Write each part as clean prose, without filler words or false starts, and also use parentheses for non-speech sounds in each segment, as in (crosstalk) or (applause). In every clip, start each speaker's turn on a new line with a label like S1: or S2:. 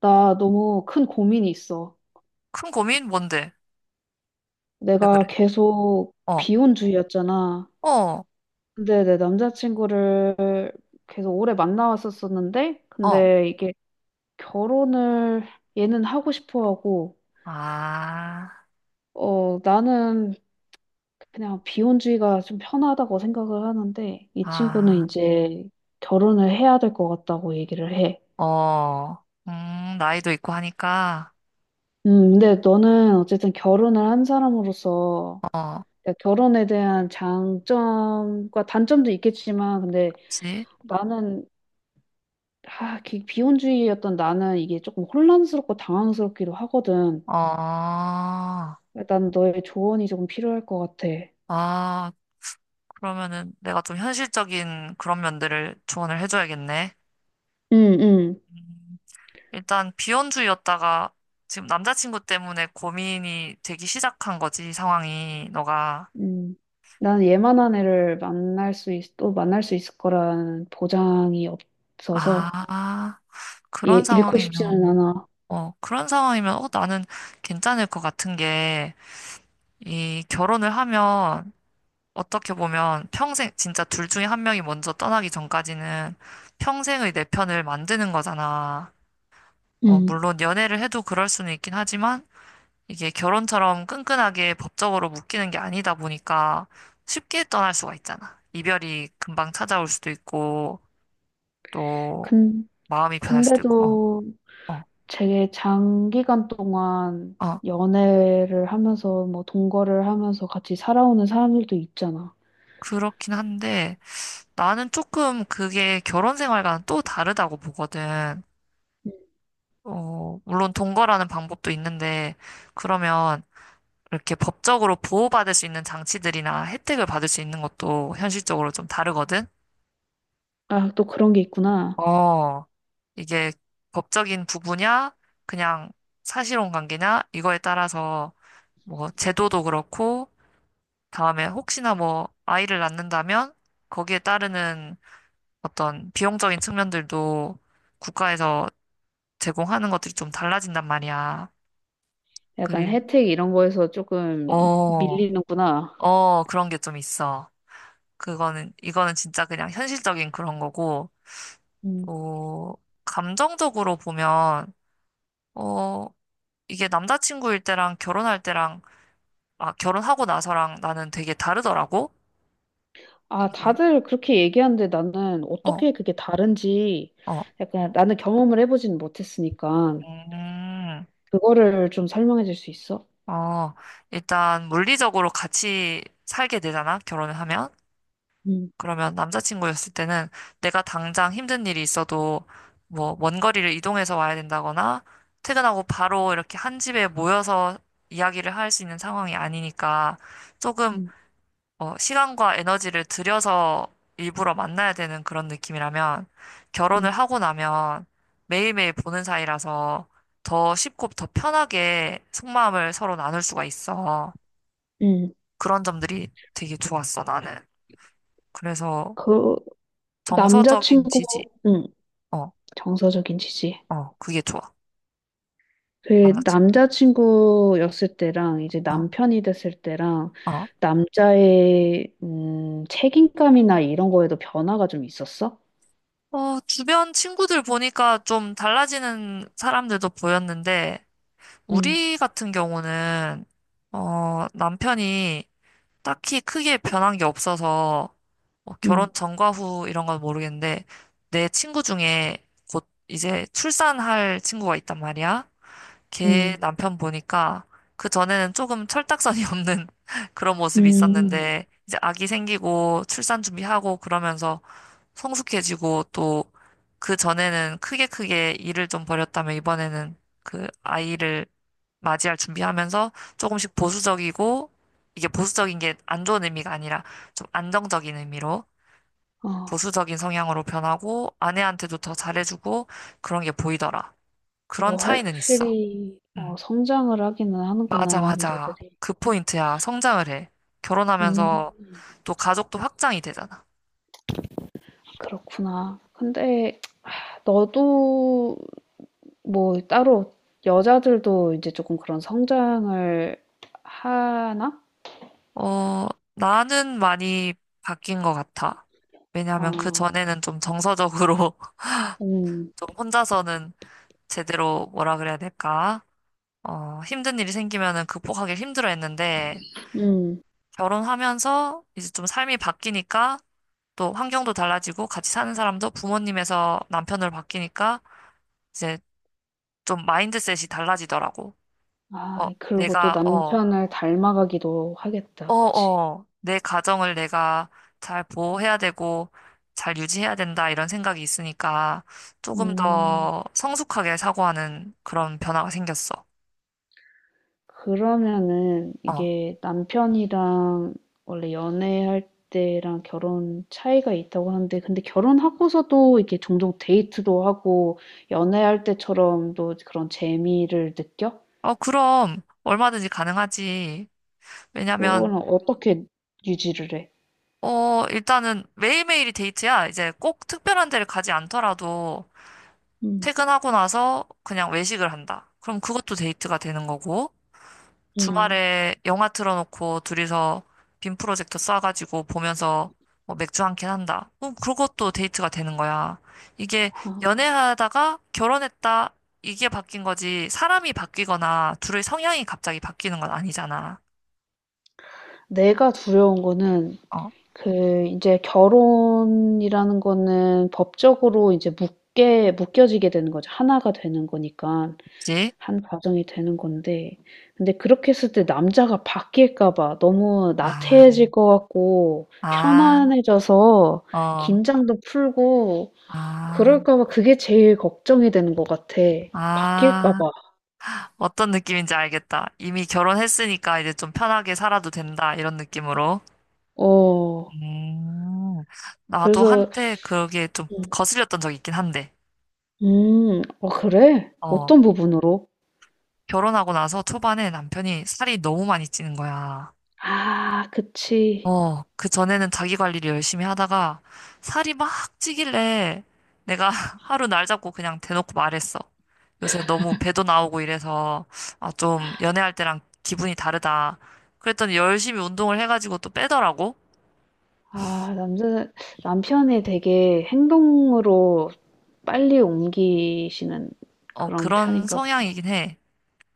S1: 나 너무 큰 고민이 있어.
S2: 큰 고민? 뭔데? 왜
S1: 내가
S2: 그래?
S1: 계속
S2: 어,
S1: 비혼주의였잖아.
S2: 어,
S1: 근데 내 남자친구를 계속 오래 만나왔었었는데,
S2: 어.
S1: 근데 이게 결혼을 얘는 하고 싶어 하고,
S2: 아,
S1: 나는 그냥 비혼주의가 좀 편하다고 생각을 하는데, 이 친구는
S2: 아,
S1: 이제 결혼을 해야 될 것 같다고 얘기를 해.
S2: 어. 나이도 있고 하니까,
S1: 근데 너는 어쨌든 결혼을 한 사람으로서
S2: 어,
S1: 그러니까 결혼에 대한 장점과 단점도 있겠지만, 근데
S2: 그치?
S1: 나는, 비혼주의였던 나는 이게 조금 혼란스럽고 당황스럽기도 하거든.
S2: 어,
S1: 난 너의 조언이 조금 필요할 것 같아.
S2: 아, 그러면은 내가 좀 현실적인 그런 면들을 조언을 해줘야겠네.
S1: 응, 응,
S2: 음, 일단 비혼주의였다가 지금 남자친구 때문에 고민이 되기 시작한 거지, 상황이, 너가.
S1: 응. 난 예만한 애를 또 만날 수 있을 거라는 보장이 없어서,
S2: 아, 그런
S1: 얘 잃고 싶지는
S2: 상황이면.
S1: 않아.
S2: 어, 그런 상황이면, 어, 나는 괜찮을 것 같은 게, 이 결혼을 하면, 어떻게 보면 평생, 진짜 둘 중에 한 명이 먼저 떠나기 전까지는 평생의 내 편을 만드는 거잖아. 어,
S1: 응.
S2: 물론 연애를 해도 그럴 수는 있긴 하지만, 이게 결혼처럼 끈끈하게 법적으로 묶이는 게 아니다 보니까 쉽게 떠날 수가 있잖아. 이별이 금방 찾아올 수도 있고, 또
S1: 근,
S2: 마음이 변할 수도 있고, 어,
S1: 근데도,
S2: 어,
S1: 되게 장기간 동안
S2: 어,
S1: 연애를 하면서 뭐 동거를 하면서 같이 살아오는 사람들도 있잖아.
S2: 그렇긴 한데, 나는 조금 그게 결혼 생활과는 또 다르다고 보거든.
S1: 음.
S2: 어, 물론 동거라는 방법도 있는데, 그러면 이렇게 법적으로 보호받을 수 있는 장치들이나 혜택을 받을 수 있는 것도 현실적으로 좀 다르거든.
S1: 아, 또 그런 게 있구나.
S2: 어, 이게 법적인 부부냐, 그냥 사실혼 관계냐, 이거에 따라서 뭐 제도도 그렇고, 다음에 혹시나 뭐 아이를 낳는다면 거기에 따르는 어떤 비용적인 측면들도 국가에서 제공하는 것들이 좀 달라진단 말이야.
S1: 약간
S2: 그리,
S1: 혜택 이런 거에서 조금
S2: 어,
S1: 밀리는구나.
S2: 어, 그런 게 좀 있어. 그거는, 이거는 진짜 그냥 현실적인 그런 거고,
S1: 음.
S2: 또, 감정적으로 보면, 어, 이게 남자친구일 때랑 결혼할 때랑, 아, 결혼하고 나서랑 나는 되게 다르더라고?
S1: 아,
S2: 이게,
S1: 다들 그렇게 얘기하는데 나는
S2: 어,
S1: 어떻게 그게 다른지
S2: 어,
S1: 약간 나는 경험을 해보지는 못했으니까
S2: 음,
S1: 그거를 좀 설명해 줄 수 있어?
S2: 어, 일단 물리적으로 같이 살게 되잖아, 결혼을 하면.
S1: 음,
S2: 그러면 남자친구였을 때는 내가 당장 힘든 일이 있어도 뭐 먼 거리를 이동해서 와야 된다거나 퇴근하고 바로 이렇게 한 집에 모여서 이야기를 할 수 있는 상황이 아니니까 조금
S1: 음.
S2: 어, 시간과 에너지를 들여서 일부러 만나야 되는 그런 느낌이라면
S1: 음.
S2: 결혼을 하고 나면 매일매일 보는 사이라서 더 쉽고 더 편하게 속마음을 서로 나눌 수가 있어.
S1: 음.
S2: 그런 점들이 되게 좋았어, 나는. 그래서
S1: 그
S2: 정서적인 지지.
S1: 남자친구,
S2: 어,
S1: 정서적인 지지.
S2: 어, 그게 좋아.
S1: 그
S2: 남자친구.
S1: 남자친구였을 때랑 이제
S2: 어,
S1: 남편이 됐을 때랑
S2: 어.
S1: 남자의 책임감이나 이런 거에도 변화가 좀 있었어?
S2: 어, 주변 친구들 보니까 좀 달라지는 사람들도 보였는데,
S1: 음,
S2: 우리 같은 경우는, 어, 남편이 딱히 크게 변한 게 없어서, 뭐
S1: 음,
S2: 결혼 전과 후 이런 건 모르겠는데, 내 친구 중에 곧 이제 출산할 친구가 있단 말이야. 걔
S1: 음,
S2: 남편 보니까 그 전에는 조금 철딱선이 (laughs) 없는 그런 모습이
S1: 음.
S2: 있었는데 이제 아기 생기고 출산 준비하고 그러면서 성숙해지고 또 그 전에는 크게 크게 일을 좀 벌였다면 이번에는 그 아이를 맞이할 준비하면서 조금씩 보수적이고 이게 보수적인 게 안 좋은 의미가 아니라 좀 안정적인 의미로
S1: 어,
S2: 보수적인 성향으로 변하고 아내한테도 더 잘해주고 그런 게 보이더라.
S1: 이거
S2: 그런 차이는 있어.
S1: 확실히
S2: 음.
S1: 성장을 하기는
S2: 맞아,
S1: 하는구나,
S2: 맞아.
S1: 남자들이.
S2: 그 포인트야. 성장을 해.
S1: 음,
S2: 결혼하면서 또 가족도 확장이 되잖아.
S1: 그렇구나. 근데 하, 너도 뭐 따로 여자들도 이제 조금 그런 성장을 하나?
S2: 어, 나는 많이 바뀐 것 같아.
S1: 아,
S2: 왜냐하면 그 전에는 좀 정서적으로 (laughs)
S1: 음,
S2: 좀 혼자서는 제대로 뭐라 그래야 될까? 어, 힘든 일이 생기면은 극복하기 힘들어 했는데
S1: 음.
S2: 결혼하면서 이제 좀 삶이 바뀌니까 또 환경도 달라지고 같이 사는 사람도 부모님에서 남편으로 바뀌니까 이제 좀 마인드셋이 달라지더라고. 어,
S1: 아, 그리고 또
S2: 내가, 어,
S1: 남편을 닮아가기도
S2: 어,
S1: 하겠다. 그치?
S2: 어, 내 가정을 내가 잘 보호해야 되고, 잘 유지해야 된다, 이런 생각이 있으니까, 조금
S1: 음,
S2: 더 성숙하게 사고하는 그런 변화가 생겼어.
S1: 그러면은
S2: 어,
S1: 이게 남편이랑 원래 연애할 때랑 결혼 차이가 있다고 하는데, 근데 결혼하고서도 이렇게 종종 데이트도 하고, 연애할 때처럼 또 그런 재미를 느껴?
S2: 어, 그럼, 얼마든지 가능하지. 왜냐면,
S1: 그거는 어떻게 유지를 해?
S2: 어, 일단은 매일매일이 데이트야. 이제 꼭 특별한 데를 가지 않더라도,
S1: 음,
S2: 퇴근하고 나서 그냥 외식을 한다. 그럼 그것도 데이트가 되는 거고,
S1: 음.
S2: 주말에 영화 틀어놓고 둘이서 빔 프로젝터 쏴가지고 보면서 뭐 맥주 한 캔 한다. 그것도 데이트가 되는 거야. 이게
S1: 아,
S2: 연애하다가 결혼했다. 이게 바뀐 거지. 사람이 바뀌거나 둘의 성향이 갑자기 바뀌는 건 아니잖아.
S1: 내가 두려운 거는
S2: 어?
S1: 그 이제 결혼이라는 거는 법적으로 이제 묶게 묶여지게 되는 거죠. 하나가 되는 거니까
S2: 그치?
S1: 한 가정이 되는 건데 근데 그렇게 했을 때 남자가 바뀔까 봐 너무
S2: 아,
S1: 나태해질 것 같고
S2: 아,
S1: 편안해져서
S2: 어,
S1: 긴장도 풀고
S2: 아,
S1: 그럴까 봐 그게 제일 걱정이 되는 것 같아. 바뀔까
S2: 아.
S1: 봐.
S2: 어떤 느낌인지 알겠다. 이미 결혼했으니까 이제 좀 편하게 살아도 된다. 이런 느낌으로.
S1: 어.
S2: 음, 나도
S1: 그래서
S2: 한때 그게 좀
S1: 음.
S2: 거슬렸던 적이 있긴 한데,
S1: 음. 어 그래?
S2: 어,
S1: 어떤 부분으로?
S2: 결혼하고 나서 초반에 남편이 살이 너무 많이 찌는 거야.
S1: 아, 그치.
S2: 어, 그 전에는 자기 관리를 열심히 하다가 살이 막 찌길래 내가 (laughs) 하루 날 잡고 그냥 대놓고 말했어. 요새 너무 배도 나오고 이래서, 아, 좀 연애할 때랑 기분이 다르다. 그랬더니 열심히 운동을 해가지고 또 빼더라고.
S1: 아 남자 남편이 되게 행동으로 빨리 옮기시는
S2: 어,
S1: 그런
S2: 그런
S1: 편인가 보다.
S2: 성향이긴 해.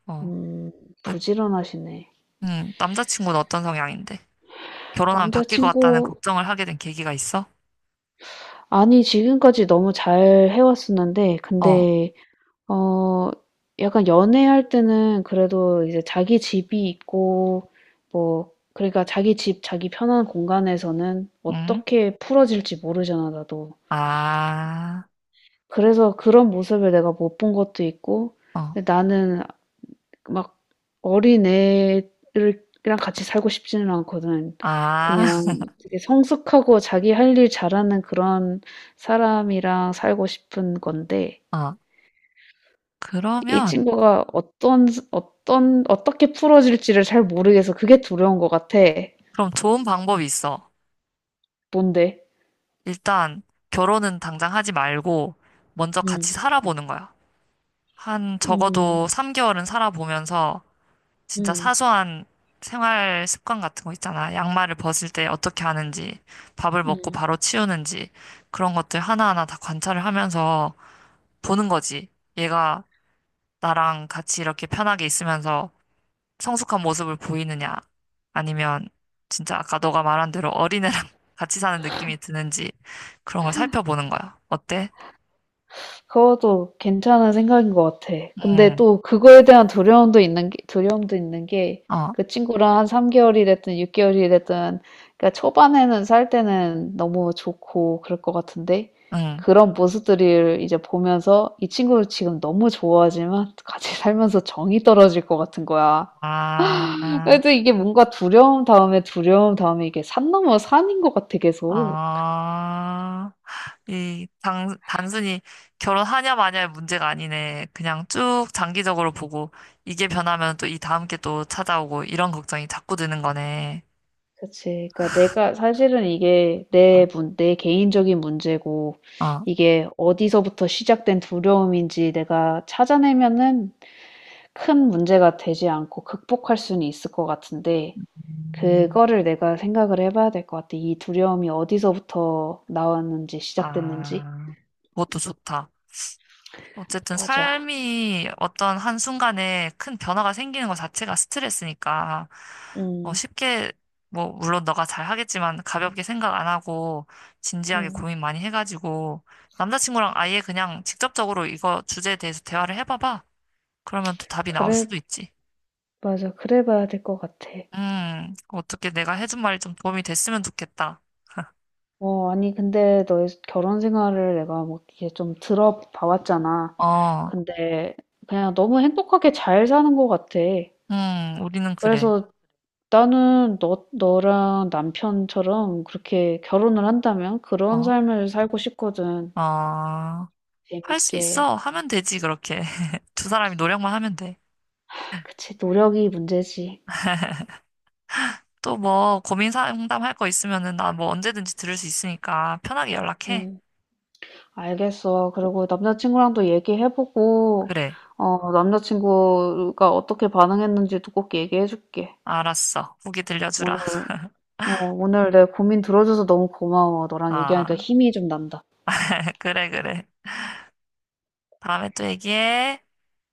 S2: 어,
S1: 음,
S2: 그,
S1: 부지런하시네.
S2: 남자친구는 어떤 성향인데? 결혼하면 바뀔 것 같다는
S1: 남자친구
S2: 걱정을 하게 된 계기가 있어?
S1: 아니 지금까지 너무 잘 해 왔었는데
S2: 어,
S1: 근데 어, 약간 연애할 때는 그래도 이제 자기 집이 있고 뭐 그러니까 자기 집 자기 편한 공간에서는
S2: 응?
S1: 어떻게 풀어질지 모르잖아 나도.
S2: 아,
S1: 그래서 그런 모습을 내가 못 본 것도 있고
S2: 어,
S1: 근데 나는 막 어린애를 이랑 같이 살고 싶지는 않거든.
S2: 아, (laughs)
S1: 그냥 되게 성숙하고 자기 할 일 잘하는 그런 사람이랑 살고 싶은 건데
S2: 어.
S1: 이
S2: 그러면,
S1: 친구가 어떤 어떤 어떻게 풀어질지를 잘 모르겠어. 그게 두려운 것 같아.
S2: 그럼 좋은 방법이 있어.
S1: 뭔데?
S2: 일단, 결혼은 당장 하지 말고, 먼저 같이
S1: 음.
S2: 살아보는 거야. 한,
S1: 음.
S2: 적어도 3개월은 살아보면서, 진짜
S1: 음.
S2: 사소한 생활 습관 같은 거 있잖아. 양말을 벗을 때 어떻게 하는지, 밥을 먹고
S1: 음.
S2: 바로 치우는지, 그런 것들 하나하나 다 관찰을 하면서 보는 거지. 얘가 나랑 같이 이렇게 편하게 있으면서 성숙한 모습을 보이느냐, 아니면 진짜 아까 너가 말한 대로 어린애랑 (laughs) 같이 사는 느낌이 드는지 그런 걸 살펴보는 거야. 어때?
S1: 그것도 괜찮은 생각인 것 같아. 근데
S2: 응,
S1: 또 그거에 대한 두려움도 있는 게,
S2: 어,
S1: 그 친구랑 한 3개월이 됐든 6개월이 됐든, 그러니까 초반에는 살 때는 너무 좋고 그럴 것 같은데,
S2: 응.
S1: 그런 모습들을 이제 보면서 이 친구를 지금 너무 좋아하지만 같이 (laughs) 살면서 정이 떨어질 것 같은 거야.
S2: 아,
S1: 그래도 이게 뭔가 두려움 다음에 이게 산 넘어 산인 것 같아, 계속.
S2: 아, 단순히 결혼하냐 마냐의 문제가 아니네. 그냥 쭉 장기적으로 보고 이게 변하면 또 이 다음 게 또 찾아오고 이런 걱정이 자꾸 드는 거네.
S1: 그치. 그러니까 내가 사실은 이게
S2: 어,
S1: 내 개인적인 문제고 이게 어디서부터 시작된 두려움인지 내가 찾아내면은 큰 문제가 되지 않고 극복할 수는 있을 것 같은데
S2: 어.
S1: 그거를 내가 생각을 해봐야 될 것 같아. 이 두려움이 어디서부터 나왔는지 시작됐는지.
S2: 아, 그것도 좋다. 어쨌든
S1: 맞아.
S2: 삶이 어떤 한순간에 큰 변화가 생기는 것 자체가 스트레스니까, 어,
S1: 음,
S2: 쉽게, 뭐, 물론 너가 잘 하겠지만, 가볍게 생각 안 하고, 진지하게
S1: 음.
S2: 고민 많이 해가지고, 남자친구랑 아예 그냥 직접적으로 이거 주제에 대해서 대화를 해봐봐. 그러면 또 답이 나올
S1: 그래,
S2: 수도 있지.
S1: 맞아. 그래 봐야 될 것 같아.
S2: 어떻게 내가 해준 말이 좀 도움이 됐으면 좋겠다.
S1: 어, 아니, 근데 너의 결혼 생활을 내가 뭐 이렇게 좀 들어봐왔잖아.
S2: 어,
S1: 근데 그냥 너무 행복하게 잘 사는 것 같아.
S2: 우리는 그래.
S1: 그래서 나는 너랑 남편처럼 그렇게 결혼을 한다면 그런
S2: 어,
S1: 삶을 살고 싶거든.
S2: 어. 할 수
S1: 재밌게.
S2: 있어. 하면 되지, 그렇게. (laughs) 두 사람이 노력만 하면 돼.
S1: 아, 그치, 노력이 문제지.
S2: 또 뭐, 고민 상담 할 거 있으면은 나 뭐 언제든지 들을 수 있으니까 편하게 연락해.
S1: 음, 알겠어. 그리고 남자친구랑도 얘기해보고,
S2: 그래.
S1: 어, 남자친구가 어떻게 반응했는지도 꼭 얘기해줄게.
S2: 알았어. 후기 들려주라.
S1: 오늘
S2: (laughs)
S1: 내 고민 들어줘서 너무 고마워. 너랑 얘기하니까
S2: 아,
S1: 힘이 좀 난다.
S2: (laughs) 그래, 그래. 다음에 또 얘기해.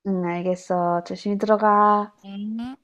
S1: 응, 알겠어. 조심히 들어가.
S2: 음.